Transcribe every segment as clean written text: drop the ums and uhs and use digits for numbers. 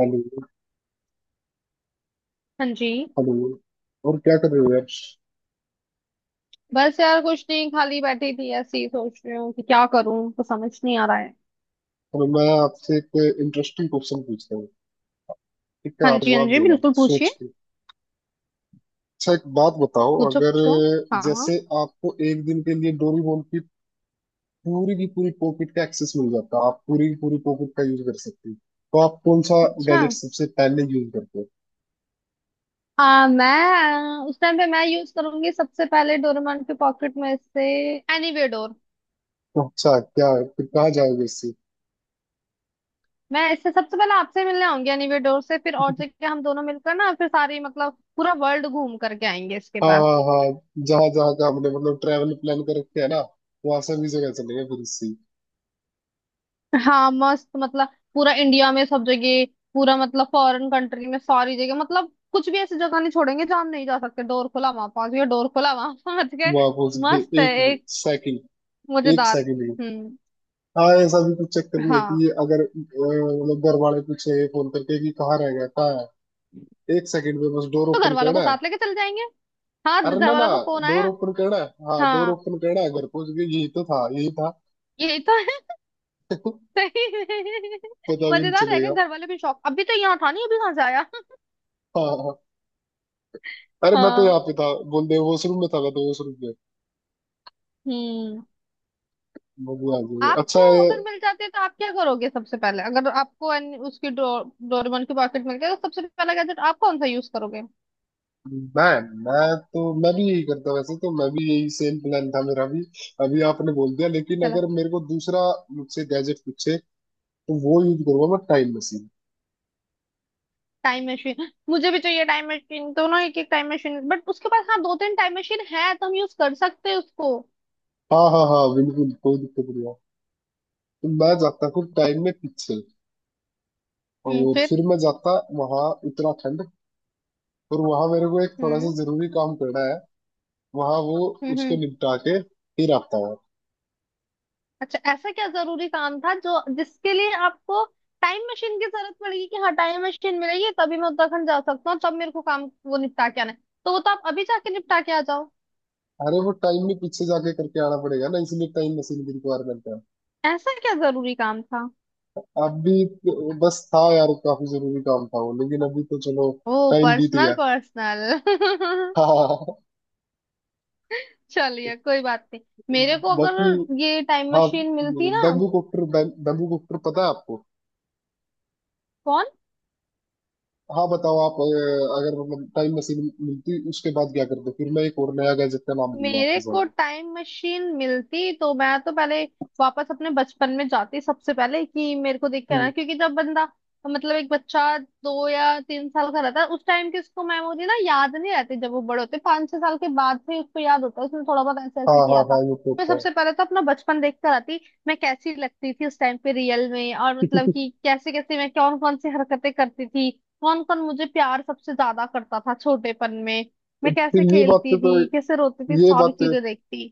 Hello. हाँ जी। Hello. और क्या कर रहे हो यार? बस यार कुछ नहीं, खाली बैठी थी, ऐसे ही सोच रही हूँ कि क्या करूँ, तो समझ नहीं आ रहा है। चलो, मैं आपसे एक इंटरेस्टिंग क्वेश्चन पूछता हूँ। ठीक है, हाँ आप जी हाँ जवाब जी, देना बिल्कुल पूछिए। सोच के। अच्छा, एक बात बताओ, पूछो अगर पूछो। हाँ हाँ। जैसे आपको एक दिन के लिए डोरीमोन की पूरी पॉकेट का एक्सेस मिल जाता, आप पूरी की पूरी पॉकेट का यूज कर सकते हो, तो आप कौन सा अच्छा। गैजेट सबसे पहले यूज करते हो? मैं उस टाइम पे मैं यूज करूंगी सबसे पहले डोरेमोन के पॉकेट में से एनीवे डोर। तो अच्छा, क्या फिर कहाँ जाओगे इससे? मैं इससे सबसे पहले आपसे मिलने आऊंगी एनीवे डोर से, फिर और जगह हम दोनों मिलकर ना, फिर सारी मतलब पूरा वर्ल्ड घूम करके आएंगे इसके हाँ बाद। हाँ हाँ। जहाँ जहाँ का हमने मतलब ट्रैवल प्लान कर रखे है ना, वहां से भी जगह चलेंगे फिर इससे। हाँ मस्त मतलब पूरा इंडिया में सब जगह, पूरा मतलब फॉरेन कंट्री में सारी जगह, मतलब कुछ भी ऐसी जगह नहीं छोड़ेंगे जहाँ हम नहीं जा सकते। डोर खुला वहां पहुंच गए, डोर खुला वहां पहुंच गए। वहां पहुंच मस्त गए। है। एक एक सेकंड एक मजेदार। सेकंड की। हम्म। हाँ, ऐसा भी कुछ चक्कर नहीं है हाँ कि अगर मतलब घर वाले पूछे फोन करके कि कहाँ रह गया, कहाँ है, 1 सेकंड में बस डोर तो घर ओपन वालों करना को है। साथ लेके चल जाएंगे। हाँ अरे घर ना ना, वालों का फोन डोर आया। ओपन करना है। हाँ, डोर हाँ, ओपन करना है, घर पहुंच गए, यही तो था, यही था। यही तो है। सही है। पता भी नहीं मजेदार रहेगा, चलेगा। घर वाले भी शौक, अभी तो यहाँ था नहीं, अभी कहाँ से आया। हाँ हाँ हाँ। अरे मैं तो हाँ। यहाँ पे था, बोल दे वॉशरूम में था, मैं तो वॉशरूम में। हम्म। बबू आ गई। आपको अच्छा अगर मिल जाते हैं तो आप क्या करोगे सबसे पहले, अगर आपको एन- उसकी डो, डोरेमोन की पॉकेट मिल गया, तो सबसे पहला गैजेट आप कौन सा यूज करोगे। मैं मैं तो मैं भी यही करता, वैसे तो मैं भी यही सेम प्लान था मेरा भी। अभी आपने बोल दिया, लेकिन चलो, अगर मेरे को दूसरा मुझसे गैजेट पूछे, तो वो यूज करूंगा मैं, टाइम मशीन। टाइम मशीन मुझे भी चाहिए, टाइम मशीन दोनों एक एक टाइम मशीन, बट उसके पास हाँ दो तीन टाइम मशीन है, तो हम यूज कर सकते हैं उसको। हाँ हाँ हाँ, बिल्कुल कोई दिक्कत नहीं है। तो मैं जाता हूँ टाइम में पीछे, और फिर। फिर मैं जाता वहाँ, उत्तराखंड। और वहां मेरे को एक थोड़ा सा हम्म जरूरी काम करना है, वहां वो, हम्म उसको हम्म। निपटा के फिर आता हूँ। अच्छा ऐसा क्या जरूरी काम था जो जिसके लिए आपको टाइम मशीन की जरूरत पड़ेगी कि हाँ टाइम मशीन मिलेगी तभी मैं उत्तराखंड जा सकता हूँ, तब मेरे को काम वो निपटा के आना है। तो वो तो आप अभी जाके निपटा के आ जाओ। अरे वो टाइम में पीछे जाके करके आना पड़ेगा ना, इसलिए टाइम मशीन की रिक्वायरमेंट है। ऐसा क्या जरूरी काम था। अब भी तो बस था यार, काफी जरूरी काम था वो, लेकिन अभी तो चलो, ओ टाइम बीत पर्सनल गया। पर्सनल। हाँ। चलिए कोई बात नहीं। मेरे को बाकी, अगर ये टाइम हाँ, मशीन मिलती ना। बैम्बू कॉप्टर, बैम्बू कॉप्टर पता है आपको? कौन। हाँ बताओ, आप अगर मतलब टाइम मशीन मिलती, उसके बाद क्या करते, फिर मैं एक और नया गैजेट का नाम दूंगा मेरे आपके को सामने। टाइम मशीन मिलती तो मैं तो पहले वापस अपने बचपन में जाती सबसे पहले, कि मेरे को देख के आना, हम्म, क्योंकि जब बंदा मतलब एक बच्चा दो या तीन साल का रहता है उस टाइम की उसको मेमोरी ना याद नहीं रहती। जब वो बड़े होते पाँच छह साल के बाद से उसको याद होता है उसने थोड़ा बहुत ऐसे हाँ ऐसे हाँ किया हाँ, था। ये तो मैं होता सबसे पहले तो अपना बचपन देख कर आती, मैं कैसी लगती थी उस टाइम पे रियल में, और मतलब कि कैसे कैसे मैं कौन कौन सी हरकतें करती थी, कौन कौन मुझे प्यार सबसे ज्यादा करता था छोटेपन में, मैं है। कैसे फिर ये खेलती बातें तो, थी, कैसे रोती थी, ये सारी बातें, चीजें देखती।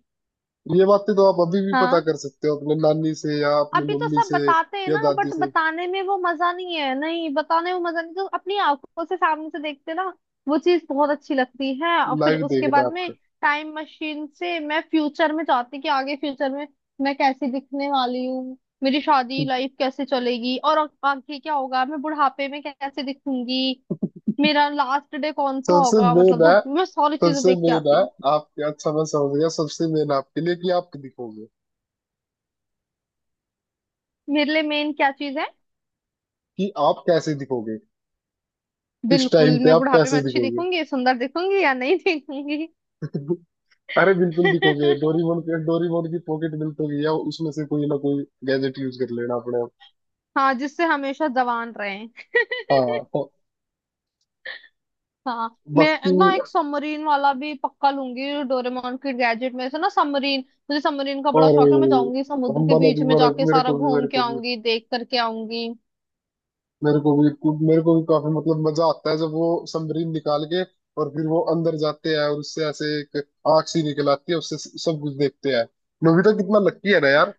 ये बातें तो आप अभी भी पता हाँ, कर सकते हो अपने नानी से या अपनी अभी तो मम्मी सब से, बताते हैं या ना, दादी बट से, बताने में वो मजा नहीं है, नहीं बताने में मजा नहीं, तो अपनी आंखों से सामने से देखते ना, वो चीज बहुत अच्छी लगती है। और फिर लाइव उसके देखना बाद में आपको। टाइम मशीन से मैं फ्यूचर में चाहती कि आगे फ्यूचर में मैं कैसी दिखने वाली हूँ, मेरी शादी हम्म। लाइफ कैसे चलेगी और अब आगे क्या होगा, मैं बुढ़ापे में कैसे दिखूंगी, मेरा लास्ट डे कौन सा सबसे होगा, मेन मतलब है, धरती में मैं सारी चीजें सबसे देख के मेन है आती। आपके। अच्छा, मैं समझ गया, सबसे मेन आपके लिए कि आप दिखोगे, मेरे लिए मेन क्या चीज है। कि आप कैसे दिखोगे, किस बिल्कुल टाइम पे मैं आप बुढ़ापे में कैसे अच्छी दिखोगे। दिखूंगी सुंदर दिखूंगी या नहीं दिखूंगी। अरे बिल्कुल दिखोगे, डोरीमोन के डोरीमोन की पॉकेट दिखोगी, या उसमें से कोई ना कोई गैजेट यूज कर लेना अपने आप। हाँ, जिससे हमेशा जवान रहे। हाँ तो हाँ, बाकी, मैं ना एक सबमरीन वाला भी पक्का लूंगी डोरेमोन के गैजेट में से, ना सबमरीन, मुझे सबमरीन का बड़ा शौक है। मैं और जाऊंगी समुद्र हम के मना बीच भी में मना, जाके मेरे सारा को भी घूम मेरे के को भी आऊंगी, देख करके आऊंगी। मेरे को भी मेरे को भी काफी मतलब मजा आता है जब वो समरीन निकाल के, और फिर वो अंदर जाते हैं और उससे ऐसे एक आग सी निकल आती है उससे, सब कुछ देखते हैं। नोबिता कितना लकी है ना यार।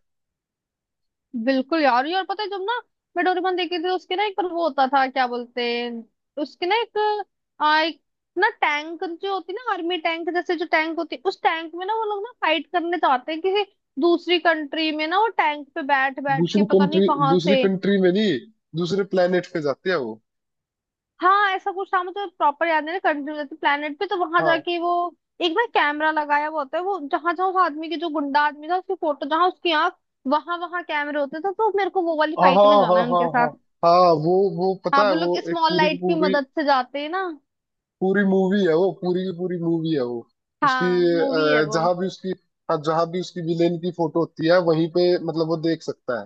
बिल्कुल यार। ये, और पता है जब ना मैं डोरेमोन देखी थी, उसके ना एक पर वो होता था, क्या बोलते हैं, उसके ना एक आ, एक ना टैंक जो होती है ना, आर्मी टैंक जैसे जो टैंक होती है, उस टैंक में ना वो लोग ना फाइट करने जाते हैं किसी दूसरी कंट्री में, ना वो टैंक पे बैठ बैठ के दूसरी पता नहीं कंट्री कहाँ दूसरी से। कंट्री में नहीं, दूसरे प्लेनेट पे जाते हैं वो। हाँ ऐसा कुछ था, मुझे प्रॉपर याद नहीं, कंट्री में प्लेनेट पे, तो वहां हाँ। जाके वो एक ना कैमरा लगाया हुआ होता है, वो जहां जहां उस आदमी की, जो गुंडा आदमी था उसकी फोटो, जहां उसकी आंख, वहां वहां कैमरे होते थे। तो मेरे को वो वाली हाँ हाँ फाइट में जाना हाँ है हाँ उनके साथ। हाँ। हाँ, वो हाँ पता है वो वो लोग एक स्मॉल पूरी की लाइट की पूरी मदद से जाते हैं ना। पूरी मूवी है वो पूरी की पूरी मूवी है वो, उसकी। हाँ, मूवी है वो। जहाँ भी उसकी, हाँ जहाँ भी उसकी विलेन की फोटो होती है वहीं पे, मतलब वो देख सकता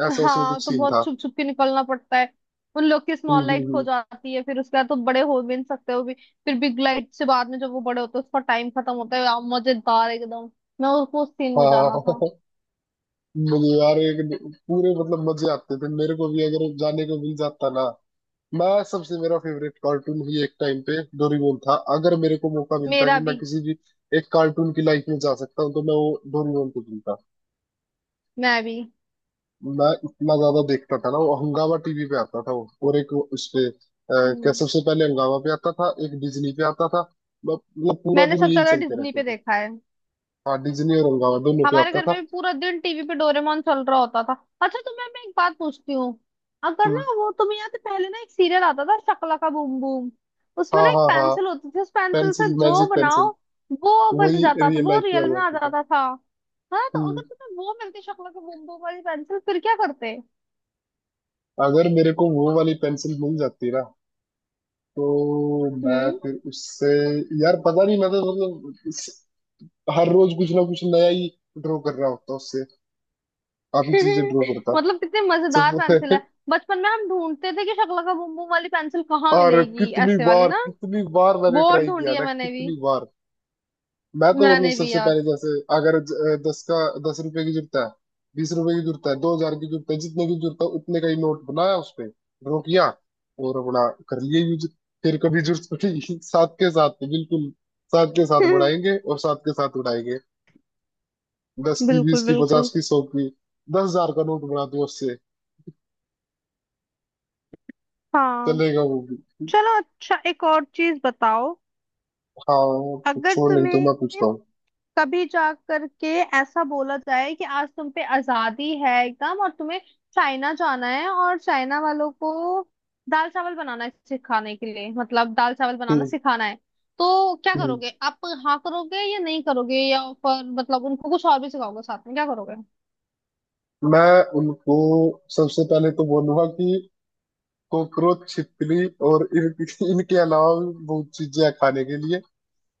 है, ऐसा उसमें हाँ कुछ तो सीन बहुत था। छुप छुप के निकलना पड़ता है। उन लोग की हम्म स्मॉल लाइट हम्म खो हम्म। जाती है, फिर उसके बाद तो बड़े हो भी नहीं सकते वो भी, फिर बिग लाइट से बाद में जब वो बड़े होते हैं, उसका टाइम खत्म होता है यार, मजेदार एकदम। मैं उसको उस सीन में हाँ। जाना था। मुझे यार एक पूरे मतलब मजे आते थे, मेरे को भी अगर जाने को मिल जाता ना। मैं सबसे, मेरा फेवरेट कार्टून ही एक टाइम पे डोरेमोन था। अगर मेरे को मौका मिलता मेरा कि मैं भी। किसी भी एक कार्टून की लाइफ में जा सकता हूँ, तो मैं वो डोरेमोन को चुनता। मैं भी। मैं इतना ज्यादा देखता था ना, वो हंगामा टीवी पे आता था वो, और एक वो उस पे क्या, हम्म। सबसे पहले हंगामा पे आता था, एक डिज्नी पे आता था। मतलब पूरा मैंने दिन सबसे यही ज्यादा चलते डिज्नी रहते पे थे। देखा है। हाँ, डिज्नी और हंगामा दोनों पे हमारे आता घर में था। भी पूरा दिन टीवी पे डोरेमोन चल रहा होता था। अच्छा तुम्हें मैं एक बात पूछती हूँ, अगर ना, हम्म, वो तुम्हें याद है पहले ना एक सीरियल आता था शकला का बूम बूम, उसमें ना हाँ एक हाँ हाँ, पेंसिल होती थी, उस पेंसिल से पेंसिल, जो मैजिक पेंसिल, बनाओ वो बन वही जाता था, रियल वो लाइफ में आ रियल में आ जाता था। जाता था। हाँ, तो अगर हम्म तुम्हें वो मिलती शकला का बूम बूम वाली पेंसिल, फिर क्या करते। अगर मेरे को वो वाली पेंसिल मिल जाती ना, तो मैं हम्म। फिर उससे, यार पता नहीं, मैं तो मतलब हर रोज कुछ ना कुछ नया ही ड्रॉ कर रहा होता उससे, काफी चीजें ड्रॉ करता मतलब कितनी मजेदार पेंसिल है। सब। बचपन में हम ढूंढते थे कि शकला का बूम बूम वाली पेंसिल कहाँ और मिलेगी, कितनी ऐसे वाली बार ना। कितनी बार मैंने बहुत ट्राई किया ढूंढी है ना, मैंने भी। कितनी बार। मैं तो मतलब मैंने भी सबसे यार। पहले जैसे, अगर दस का, 10 रुपए की जरूरत है, 20 रुपए की जरूरत है, 2,000 की जरूरत है, जितने की जरूरत है उतने का ही नोट बनाया उस पे रोकिया, और अपना कर लिए यूज। फिर कभी जरूरत पड़ी साथ के साथ, बिल्कुल साथ के साथ बढ़ाएंगे और साथ के साथ उड़ाएंगे, दस की, बीस बिल्कुल की, बिल्कुल। पचास की, सौ की, 10,000 का नोट बना दो उससे, हाँ। चलेगा वो भी। चलो अच्छा एक और चीज बताओ, हाँ, अगर कुछ और नहीं तो तुम्हें मैं पूछता हूँ। कभी जा करके ऐसा बोला जाए कि आज तुम पे आजादी है एकदम, और तुम्हें चाइना जाना है, और चाइना वालों को दाल चावल बनाना है सिखाने के लिए, मतलब दाल चावल बनाना हम्म। सिखाना है, तो क्या हम्म। करोगे आप। हाँ करोगे या नहीं करोगे, या फिर मतलब उनको कुछ और भी सिखाओगे साथ में, क्या करोगे। मैं उनको सबसे पहले तो बोलूंगा कि कॉकरोच, छिपकली और इनकी इनके अलावा भी बहुत चीजें हैं खाने के लिए,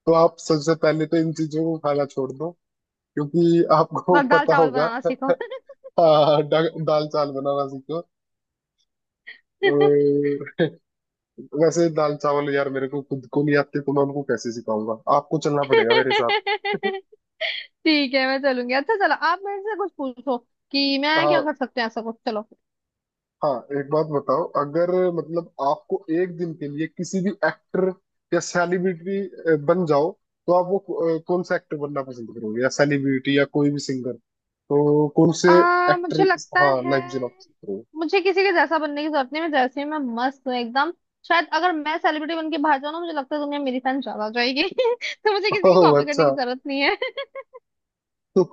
तो आप सबसे पहले तो इन चीजों को खाना छोड़ दो, क्योंकि आपको बस दाल पता चावल होगा। बनाना सीखो। हाँ, दाल चावल बनाना सीखो। और वैसे दाल चावल यार मेरे को खुद को नहीं आते, तो मैं उनको कैसे सिखाऊंगा, आपको चलना पड़ेगा मेरे साथ। ठीक है मैं चलूंगी। अच्छा चलो आप मेरे से कुछ पूछो कि मैं क्या हाँ कर सकते हैं, ऐसा कुछ, चलो। हाँ, एक बात बताओ, अगर मतलब आपको एक दिन के लिए किसी भी एक्टर या सेलिब्रिटी बन जाओ, तो आप वो कौन सा एक्टर बनना पसंद करोगे, या सेलिब्रिटी, या कोई भी सिंगर, तो कौन से एक्टर, मुझे लगता हाँ, है, लाइफ जीना पसंद करोगे? मुझे किसी के जैसा बनने की जरूरत नहीं, मैं जैसे ही मैं मस्त हूँ एकदम। शायद अगर मैं सेलिब्रिटी बन के बाहर जाऊँ ना, मुझे लगता है दुनिया मेरी फैन ज्यादा हो जाएगी। तो मुझे किसी की ओह कॉपी करने अच्छा। की जरूरत नहीं है। तो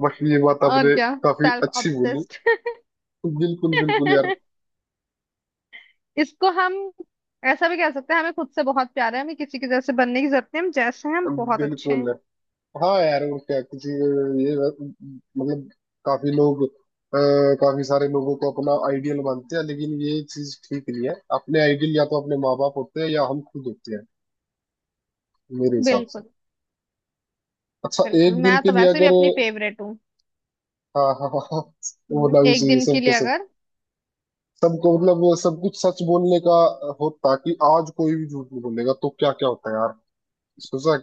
बट ये बात और आपने क्या, काफी सेल्फ अच्छी बोली। ऑब्सेस्ड। तो बिल्कुल बिल्कुल यार, इसको हम ऐसा भी कह सकते हैं, हमें खुद से बहुत प्यार है, हमें किसी के जैसे बनने की जरूरत नहीं है, हम जैसे हैं हम बहुत अच्छे बिल्कुल। हैं। हाँ यार, और क्या, किसी ये मतलब काफी लोग अ, काफी सारे लोगों को अपना आइडियल मानते हैं, लेकिन ये चीज ठीक नहीं है, अपने आइडियल या तो अपने माँ बाप होते हैं, या हम खुद होते हैं, मेरे हिसाब से। बिल्कुल अच्छा, बिल्कुल, एक दिन मैं के तो लिए वैसे भी अगर, अपनी फेवरेट हूँ। हाँ हाँ हाँ हाँ, होना भी एक चाहिए, दिन के सबके लिए सब अगर। सबको मतलब सब कुछ सच बोलने का होता कि आज कोई भी झूठ नहीं बोलेगा, तो क्या क्या होता है यार, सोचा है?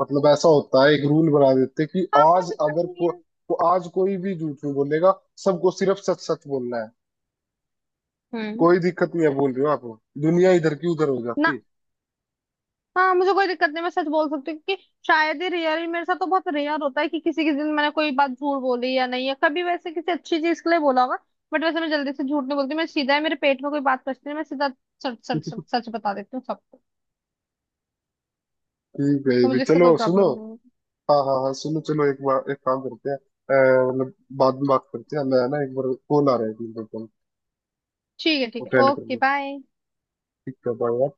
मतलब ऐसा होता है, एक रूल बना देते हैं कि हाँ कोई आज दिक्कत अगर नहीं है। को आज कोई भी झूठ नहीं बोलेगा, सबको सिर्फ सच सच बोलना है, हम्म। कोई दिक्कत नहीं है बोल रहे हो आप, दुनिया इधर की उधर हो जाती है। ना। हाँ मुझे कोई दिक्कत नहीं, मैं सच बोल सकती हूँ, क्योंकि शायद ही, रेयर ही मेरे साथ तो बहुत रेयर होता है कि किसी के दिन मैंने कोई बात झूठ बोली या नहीं, है कभी वैसे किसी अच्छी चीज के लिए बोला होगा। बट वैसे मैं जल्दी से झूठ नहीं बोलती, मैं सीधा है मेरे पेट में कोई बात पचती है मैं सीधा सच सच सच सच बता देती हूँ सबको। ठीक है, ये तो भी मुझे इससे चलो कोई सुनो। प्रॉब्लम नहीं है। हाँ हाँ हाँ, सुनो, चलो एक बार एक काम करते हैं, मतलब बाद में बात करते हैं, मैं ना एक बार कॉल आ रहा है, 1 मिनट रुको, ठीक है ठीक है अटेंड कर ओके लो। बाय। ठीक है, बाय।